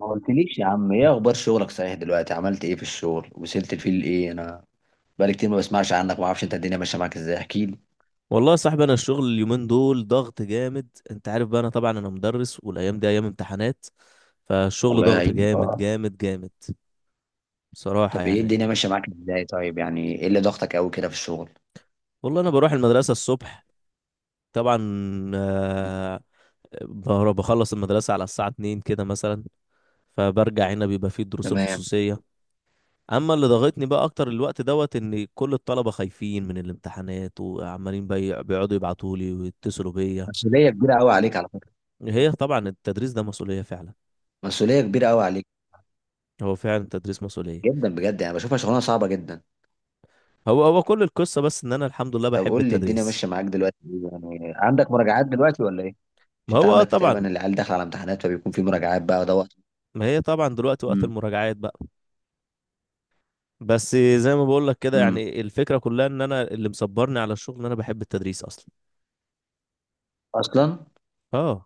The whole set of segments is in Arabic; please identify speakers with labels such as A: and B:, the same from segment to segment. A: ما قلتليش يا عم، ايه اخبار شغلك؟ صحيح دلوقتي عملت ايه في الشغل؟ وصلت لفين؟ ايه انا، بقالي كتير ما بسمعش عنك، ما اعرفش انت الدنيا ماشيه معاك ازاي، احكي لي.
B: والله يا صاحبي، انا الشغل اليومين دول ضغط جامد. انت عارف بقى، انا طبعا انا مدرس والايام دي ايام امتحانات، فالشغل
A: الله
B: ضغط
A: يعينك.
B: جامد
A: اه.
B: جامد جامد. بصراحة
A: طب ايه
B: يعني.
A: الدنيا ماشيه معاك ازاي؟ طيب يعني ايه اللي ضغطك قوي كده في الشغل؟
B: والله انا بروح المدرسة الصبح طبعا،
A: مم.
B: آه، بخلص المدرسة على الساعة 2 كده مثلا، فبرجع هنا بيبقى فيه الدروس
A: تمام.
B: الخصوصية. اما اللي ضغطني بقى اكتر الوقت دوت ان كل الطلبة خايفين من الامتحانات وعمالين بيقعدوا يبعتوا لي ويتصلوا بيا.
A: مسؤوليه كبيره قوي عليك على فكره.
B: هي طبعا التدريس ده مسؤولية فعلا.
A: مسؤوليه كبيره قوي عليك.
B: هو فعلا التدريس مسؤولية.
A: جدا بجد، يعني بشوفها شغلانه صعبه جدا.
B: هو كل القصة بس ان انا الحمد لله
A: طب
B: بحب
A: قول لي الدنيا
B: التدريس.
A: ماشيه معاك دلوقتي إيه؟ يعني عندك مراجعات دلوقتي ولا ايه؟ مش
B: ما
A: انت
B: هو
A: عندك في
B: طبعا.
A: تقريبا العيال داخله على امتحانات؟ فبيكون في مراجعات بقى دوت.
B: ما هي طبعا دلوقتي وقت
A: امم.
B: المراجعات بقى. بس زي ما بقول لك كده
A: امم.
B: يعني الفكرة كلها ان انا اللي مصبرني على الشغل ان انا بحب التدريس اصلا.
A: اصلا.
B: اه.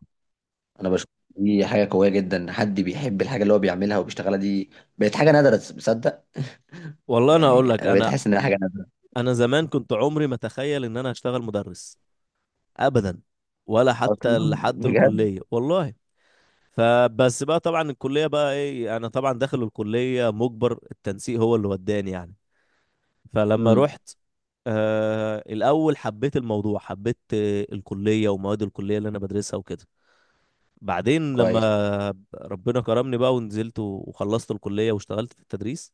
A: انا بشوف. دي حاجه قويه جدا إن حد بيحب الحاجه اللي هو بيعملها وبيشتغلها دي. بقت حاجه نادره، تصدق؟
B: والله انا اقول
A: يعني
B: لك
A: انا بقيت
B: انا
A: احس انها حاجه نادره.
B: انا زمان كنت عمري ما اتخيل ان انا هشتغل مدرس ابدا، ولا
A: اصلا
B: حتى لحد
A: بجد.
B: الكلية والله. فبس بقى طبعا الكلية بقى ايه، انا طبعا داخل الكلية مجبر، التنسيق هو اللي وداني يعني. فلما
A: امم.
B: رحت، آه الأول حبيت الموضوع، حبيت الكلية ومواد الكلية اللي أنا بدرسها وكده. بعدين
A: كويس.
B: لما ربنا كرمني بقى ونزلت وخلصت الكلية واشتغلت في التدريس،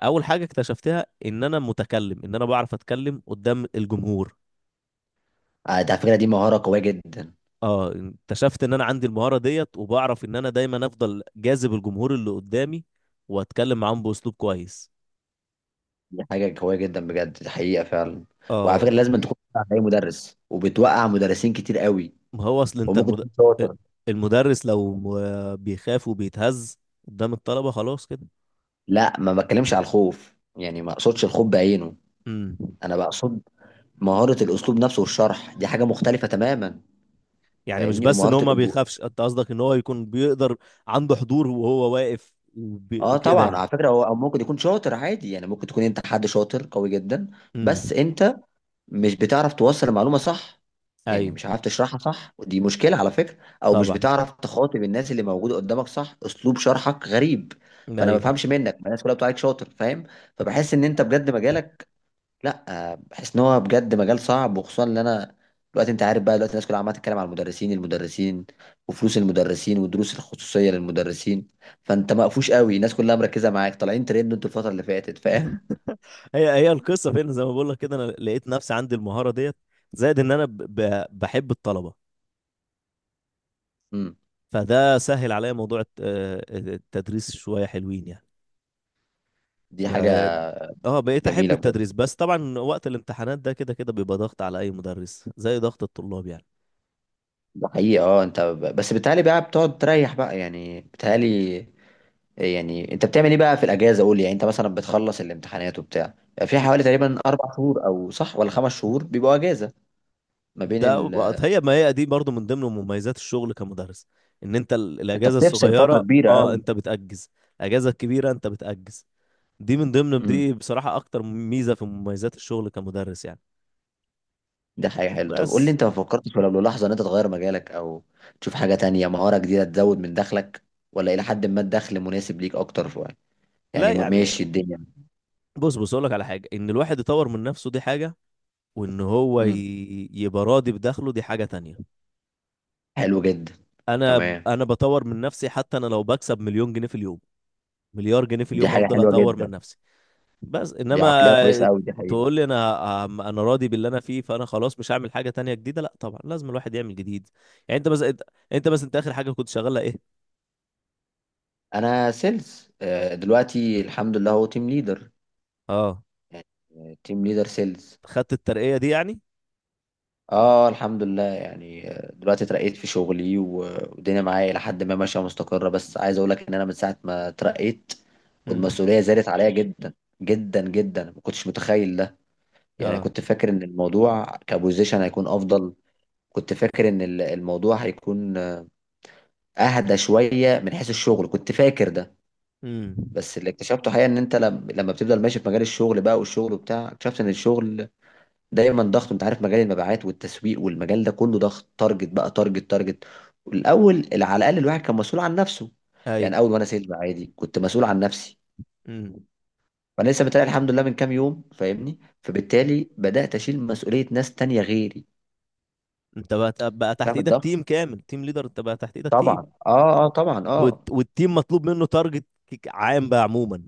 B: أول حاجة اكتشفتها إن أنا متكلم، إن أنا بعرف أتكلم قدام الجمهور.
A: ده على فكره دي مهاره قويه جدا.
B: اه، اكتشفت ان انا عندي المهارة ديت، وبعرف ان انا دايما افضل جاذب الجمهور اللي قدامي واتكلم معاهم باسلوب كويس.
A: دي حاجه قويه جدا بجد، دي حقيقه فعلا. وعلى فكره
B: اه.
A: لازم تكون بتوقع اي مدرس، وبتوقع مدرسين كتير قوي.
B: ما هو اصل انت
A: وممكن تكون شاطر.
B: المدرس لو بيخاف وبيتهز قدام الطلبة خلاص كده.
A: لا، ما بتكلمش على الخوف، يعني ما اقصدش الخوف بعينه.
B: امم.
A: انا بقصد مهاره الاسلوب نفسه والشرح، دي حاجه مختلفه تماما.
B: يعني مش
A: فاهمني؟
B: بس ان
A: ومهاره
B: هو ما بيخافش، انت قصدك ان هو يكون بيقدر، عنده حضور وهو واقف
A: اه
B: كده
A: طبعا،
B: يعني.
A: على فكره هو او ممكن يكون شاطر عادي، يعني ممكن تكون انت حد شاطر قوي جدا. بس
B: امم.
A: انت مش بتعرف توصل المعلومه صح، يعني
B: ايوه
A: مش عارف تشرحها صح، ودي مشكله على فكره. او مش
B: طبعا.
A: بتعرف تخاطب الناس اللي موجوده قدامك صح، اسلوب شرحك غريب. فانا ما
B: ايوه،
A: بفهمش منك، ما الناس كلها بتقولك شاطر، فاهم؟ فبحس ان انت بجد مجالك. لا، بحس ان هو بجد مجال صعب، وخصوصا ان انا دلوقتي، انت عارف بقى، دلوقتي الناس كلها عماله تتكلم على المدرسين المدرسين، وفلوس المدرسين والدروس الخصوصيه للمدرسين. فانت مقفوش قوي، الناس كلها مركزه معاك، طالعين ترند انتوا الفتره اللي فاتت، فاهم؟
B: هي القصة فين. زي ما بقول لك كده، انا لقيت نفسي عندي المهارة ديت، زائد ان انا بحب الطلبة،
A: امم.
B: فده سهل عليا موضوع التدريس شوية حلوين يعني.
A: دي حاجه
B: ب- اه، بقيت احب
A: جميله بجد.
B: التدريس. بس طبعا وقت الامتحانات ده كده كده بيبقى ضغط على اي مدرس، زي ضغط الطلاب يعني.
A: ده حقيقه، اه انت بس بتهيألي بقى بتقعد تريح بقى، يعني بتهيألي. إيه يعني انت بتعمل ايه بقى في الاجازه؟ قول لي، يعني انت مثلا بتخلص الامتحانات وبتاع، يعني في حوالي تقريبا 4 شهور او، صح ولا 5 شهور بيبقوا اجازه؟ ما بين
B: هي ما هي دي برضو من ضمن مميزات الشغل كمدرس، ان انت
A: انت
B: الاجازه
A: بتفصل فتره
B: الصغيره
A: كبيره
B: اه
A: قوي.
B: انت بتأجز، الاجازه الكبيره انت بتأجز. دي من ضمن، دي
A: امم.
B: بصراحه اكتر ميزه في مميزات الشغل كمدرس يعني.
A: ده حاجة حلوة. طب قول لي،
B: بس.
A: انت ما فكرتش ولا لحظة ان انت تغير مجالك او تشوف حاجة تانية، مهارة جديدة تزود من دخلك؟ ولا الى حد ما الدخل مناسب ليك اكتر شوية؟
B: لا
A: يعني
B: يعني،
A: ماشي الدنيا.
B: بص اقول لك على حاجه، ان الواحد يطور من نفسه دي حاجه، وان هو
A: امم.
B: يبقى راضي بدخله دي حاجه تانية.
A: حلو جدا.
B: انا
A: تمام.
B: انا بطور من نفسي، حتى انا لو بكسب مليون جنيه في اليوم، مليار جنيه في
A: دي
B: اليوم،
A: حاجة
B: هفضل
A: حلوة
B: اطور من
A: جدا،
B: نفسي. بس
A: دي عقلية
B: انما
A: كويسة قوي دي حقيقة.
B: تقول لي انا راضي باللي انا فيه فانا خلاص مش هعمل حاجه تانية جديده، لا طبعا لازم الواحد يعمل جديد يعني. انت بس انت اخر حاجه كنت شغاله ايه؟
A: انا سيلز، دلوقتي الحمد لله هو تيم ليدر.
B: اه.
A: يعني تيم ليدر سيلز.
B: خدت الترقيه دي يعني.
A: اه الحمد لله، يعني دلوقتي اترقيت في شغلي والدنيا معايا الى حد ما ماشيه مستقره، بس عايز اقول لك ان انا من ساعه ما اترقيت
B: امم.
A: والمسؤوليه زادت عليا جدا. جدا جدا، ما كنتش متخيل ده. يعني
B: اه.
A: كنت فاكر ان الموضوع كبوزيشن هيكون افضل. كنت فاكر ان الموضوع هيكون اهدى شويه من حيث الشغل، كنت فاكر ده.
B: امم.
A: بس اللي اكتشفته حقيقه ان انت لما بتفضل ماشي في مجال الشغل بقى والشغل وبتاع، اكتشفت ان الشغل دايما ضغط. انت عارف مجال المبيعات والتسويق والمجال ده كله ضغط، تارجت بقى، تارجت تارجت. الاول على الاقل الواحد كان مسؤول عن نفسه.
B: ايوه.
A: يعني اول وانا سيلز عادي كنت مسؤول عن نفسي.
B: امم.
A: وانا لسه بتلاقي الحمد لله من كام يوم، فاهمني؟ فبالتالي بدات اشيل مسؤوليه ناس تانية غيري.
B: انت بقى بقى تحت
A: فاهم
B: ايدك
A: الضغط؟
B: تيم كامل تيم ليدر انت بقى تحت ايدك تيم.
A: طبعا اه، اه طبعا، اه.
B: والتيم مطلوب منه تارجت عام بقى، عموما.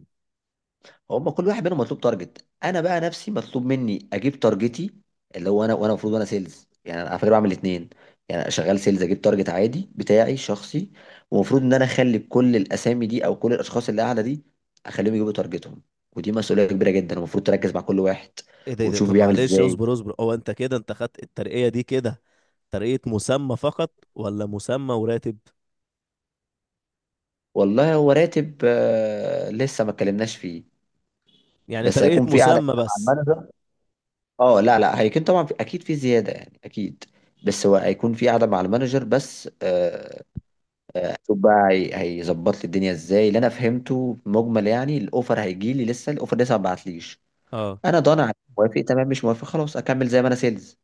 A: هما كل واحد منهم مطلوب تارجت، انا بقى نفسي مطلوب مني اجيب تارجتي، اللي هو انا، وانا المفروض انا سيلز. يعني انا على فكره بعمل الاثنين. يعني أنا شغال سيلز اجيب تارجت عادي بتاعي شخصي، ومفروض ان انا اخلي كل الاسامي دي او كل الاشخاص اللي قاعده دي اخليهم يجيبوا تارجتهم. ودي مسؤوليه كبيره جدا، المفروض تركز مع كل واحد
B: ايه ده، ايه ده،
A: وتشوف
B: طب
A: بيعمل
B: معلش،
A: ازاي.
B: اصبر، هو انت كده انت خدت الترقية دي كده ترقية مسمى فقط ولا مسمى وراتب؟
A: والله هو راتب لسه ما اتكلمناش فيه.
B: يعني
A: بس
B: ترقية
A: هيكون في قاعده
B: مسمى
A: كده مع
B: بس.
A: المانجر. اه لا لا، هيكون طبعا في اكيد في زياده، يعني اكيد. بس هو هيكون في قاعده مع المانجر بس، هشوف بقى هيظبط لي الدنيا ازاي. اللي انا فهمته مجمل، يعني الاوفر هيجي لي لسه، الاوفر لسه ما بعتليش.
B: اه.
A: انا ضامن عليه. موافق تمام، مش موافق خلاص اكمل زي ما انا سيلز.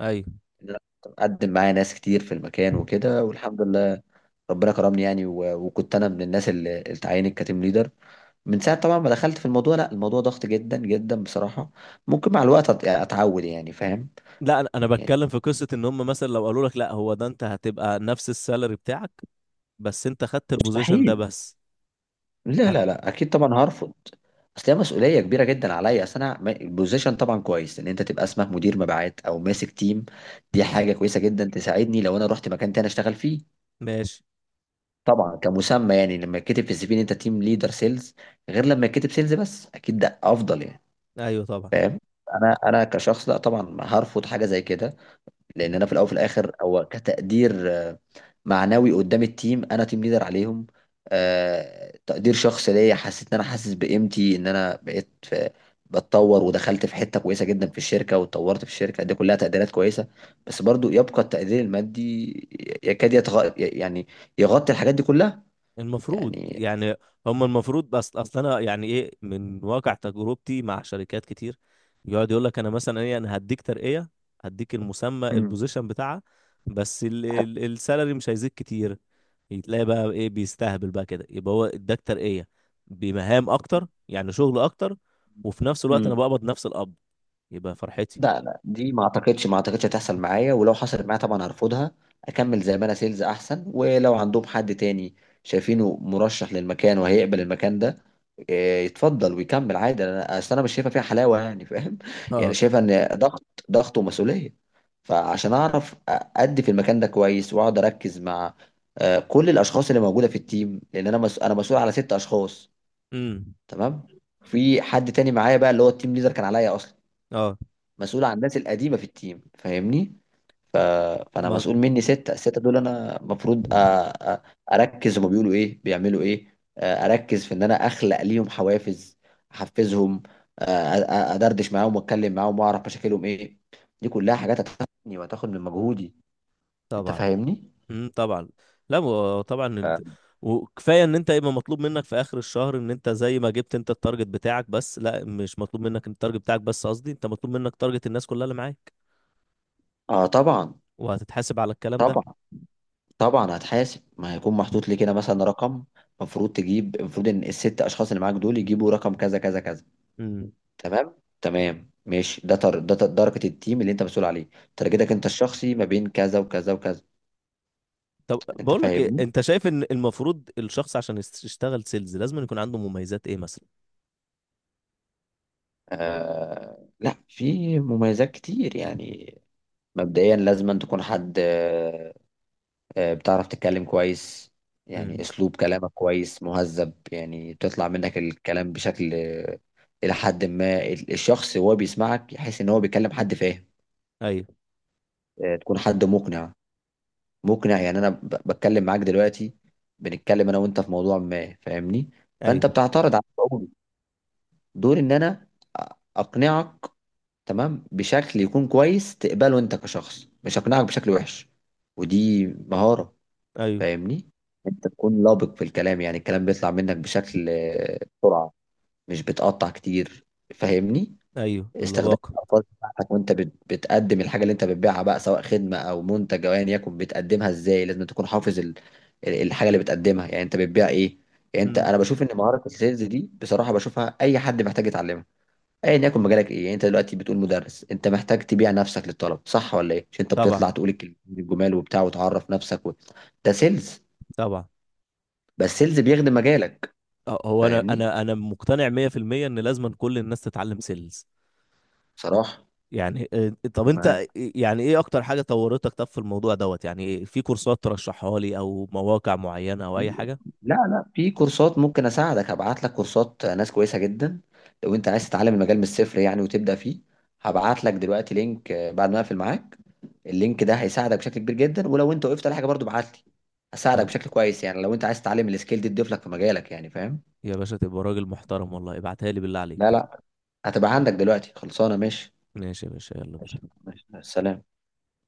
B: ايوه.
A: لا، اقدم معايا ناس كتير في المكان وكده والحمد لله. ربنا كرمني، يعني وكنت انا من الناس اللي اتعينت كتيم ليدر. من ساعه طبعا ما دخلت في الموضوع، لا الموضوع ضغط جدا جدا بصراحه. ممكن مع الوقت يعني اتعود، يعني فاهم.
B: لا، انا أنا
A: يعني
B: بتكلم في قصة ان هم مثلا لو قالوا لك لا هو ده، انت هتبقى نفس السالري بتاعك بس انت خدت البوزيشن ده
A: مستحيل.
B: بس.
A: لا
B: هت...
A: لا لا، اكيد طبعا هرفض. اصل هي مسؤوليه كبيره جدا عليا، اصل انا البوزيشن طبعا كويس ان انت تبقى اسمك مدير مبيعات او ماسك تيم. دي
B: مم.
A: حاجه كويسه جدا، تساعدني لو انا رحت مكان تاني اشتغل فيه.
B: ماشي.
A: طبعا كمسمى، يعني لما يتكتب في السي في ان انت تيم ليدر سيلز غير لما يتكتب سيلز بس، اكيد ده افضل يعني.
B: ايوه طبعا.
A: فاهم؟ انا كشخص لا طبعا هرفض حاجه زي كده. لان انا في الاول وفي الاخر هو كتقدير معنوي قدام التيم، انا تيم ليدر عليهم. تقدير شخصي ليا، حسيت ان انا حاسس بقيمتي، ان انا بقيت في بتطور، ودخلت في حته كويسه جدا في الشركه، واتطورت في الشركه، دي كلها تقديرات كويسه. بس برضو يبقى التقدير المادي يكاد يعني يغطي الحاجات دي كلها.
B: المفروض
A: يعني.
B: يعني. هم المفروض. بس اصل انا يعني ايه، من واقع تجربتي مع شركات كتير، يقعد يقول لك انا مثلا ايه، انا هديك ترقية، هديك المسمى البوزيشن بتاعها، بس السالري مش هيزيد كتير. تلاقي بقى ايه، بيستهبل بقى كده، يبقى هو اداك ترقية بمهام اكتر يعني شغل اكتر، وفي نفس الوقت انا
A: مم.
B: بقبض نفس القبض، يبقى فرحتي.
A: لا لا، دي ما اعتقدش هتحصل معايا، ولو حصلت معايا طبعا هرفضها. اكمل زي ما انا سيلز احسن، ولو عندهم حد تاني شايفينه مرشح للمكان وهيقبل المكان ده، إيه، يتفضل ويكمل عادي. انا اصل انا مش شايفه فيها حلاوه، يعني فاهم يعني
B: اه.
A: شايفه ان ضغط، ضغط ومسؤوليه. فعشان اعرف ادي في المكان ده كويس واقعد اركز مع كل الاشخاص اللي موجوده في التيم، لان انا انا مسؤول على 6 اشخاص.
B: امم.
A: تمام. في حد تاني معايا بقى، اللي هو التيم ليدر كان عليا اصلا
B: اه.
A: مسؤول عن الناس القديمه في التيم، فاهمني؟ ف... فانا
B: ما
A: مسؤول مني 6، السته دول انا المفروض أ... اركز هما بيقولوا ايه، بيعملوا ايه، اركز في ان انا اخلق ليهم حوافز، احفزهم، ادردش معاهم واتكلم معاهم واعرف مشاكلهم ايه. دي كلها حاجات هتاخدني وهتاخد من مجهودي. انت
B: طبعا.
A: فاهمني؟
B: امم. طبعا. لا، طبعا
A: ف-
B: وكفايه ان انت يبقى مطلوب منك في اخر الشهر ان انت زي ما جبت انت التارجت بتاعك، بس لا، مش مطلوب منك التارجت بتاعك بس، قصدي انت مطلوب منك تارجت الناس كلها اللي معاك،
A: اه طبعا.
B: وهتتحاسب على الكلام ده.
A: طبعا طبعا هتحاسب، ما هيكون محطوط لي كده مثلا رقم. المفروض تجيب، المفروض ان ال6 اشخاص اللي معاك دول يجيبوا رقم كذا كذا كذا.
B: امم.
A: تمام. تمام ماشي، ده ده درجة التيم اللي انت مسؤول عليه. ترجتك انت الشخصي ما بين كذا وكذا وكذا.
B: طب
A: انت
B: بقول لك ايه،
A: فاهمني؟
B: انت شايف ان المفروض الشخص عشان يشتغل سيلز لازم يكون عنده مميزات ايه مثلا؟
A: لا في مميزات كتير يعني. مبدئيا لازم أن تكون حد بتعرف تتكلم كويس. يعني
B: امم.
A: اسلوب كلامك كويس مهذب، يعني تطلع منك الكلام بشكل، الى حد ما الشخص وهو بيسمعك يحس ان هو بيكلم حد فاهم.
B: ايوه
A: تكون حد مقنع. مقنع، يعني انا بتكلم معاك دلوقتي، بنتكلم انا وانت في موضوع ما، فاهمني؟
B: ايوه
A: فانت بتعترض على قولي، دوري ان انا اقنعك. تمام، بشكل يكون كويس تقبله انت كشخص، مش اقنعك بشكل وحش. ودي مهارة.
B: ايوه
A: فاهمني؟ انت تكون لابق في الكلام، يعني الكلام بيطلع منك بشكل، بسرعة، مش بتقطع كتير. فاهمني؟
B: ايوه
A: استخدام
B: اللباقه.
A: الالفاظ بتاعتك، وانت بتقدم الحاجه اللي انت بتبيعها بقى، سواء خدمه او منتج او ايا يكن بتقدمها ازاي، لازم تكون حافظ الحاجه اللي بتقدمها. يعني انت بتبيع ايه؟ يعني انت،
B: امم.
A: انا بشوف ان مهاره السيلز دي بصراحه بشوفها اي حد محتاج يتعلمها. ايا يكن مجالك ايه، يعني انت دلوقتي بتقول مدرس، انت محتاج تبيع نفسك للطلب صح ولا ايه؟ مش انت
B: طبعا.
A: بتطلع تقول الكلمتين الجمال وبتاع وتعرف نفسك. ده سيلز.
B: طبعا.
A: بس سيلز بيخدم مجالك.
B: أه، هو انا
A: فاهمني؟
B: انا انا مقتنع 100% ان لازم كل الناس تتعلم سيلز
A: بصراحه
B: يعني. آه، طب
A: دي
B: انت
A: معاك.
B: إيه، يعني ايه اكتر حاجة طورتك طب في الموضوع دوت يعني؟ إيه؟ في كورسات ترشحها لي او مواقع معينة او اي
A: في-
B: حاجة؟
A: لا لا، في كورسات ممكن اساعدك، هبعت لك كورسات ناس كويسه جدا. لو انت عايز تتعلم المجال من الصفر يعني وتبدا فيه، هبعت لك دلوقتي لينك بعد ما اقفل معاك. اللينك ده هيساعدك بشكل كبير جدا، ولو انت وقفت على حاجه برضو ابعت لي، هساعدك
B: طب
A: بشكل كويس. يعني لو انت عايز تتعلم السكيل دي تضيف لك في مجالك، يعني فاهم.
B: يا باشا تبقى راجل محترم والله، ابعتها لي بالله
A: لا
B: عليك.
A: لا، هتبقى عندك دلوقتي خلصانه، ماشي.
B: ماشي يا باشا، يلا
A: ماشي
B: بينا.
A: ماشي. سلام.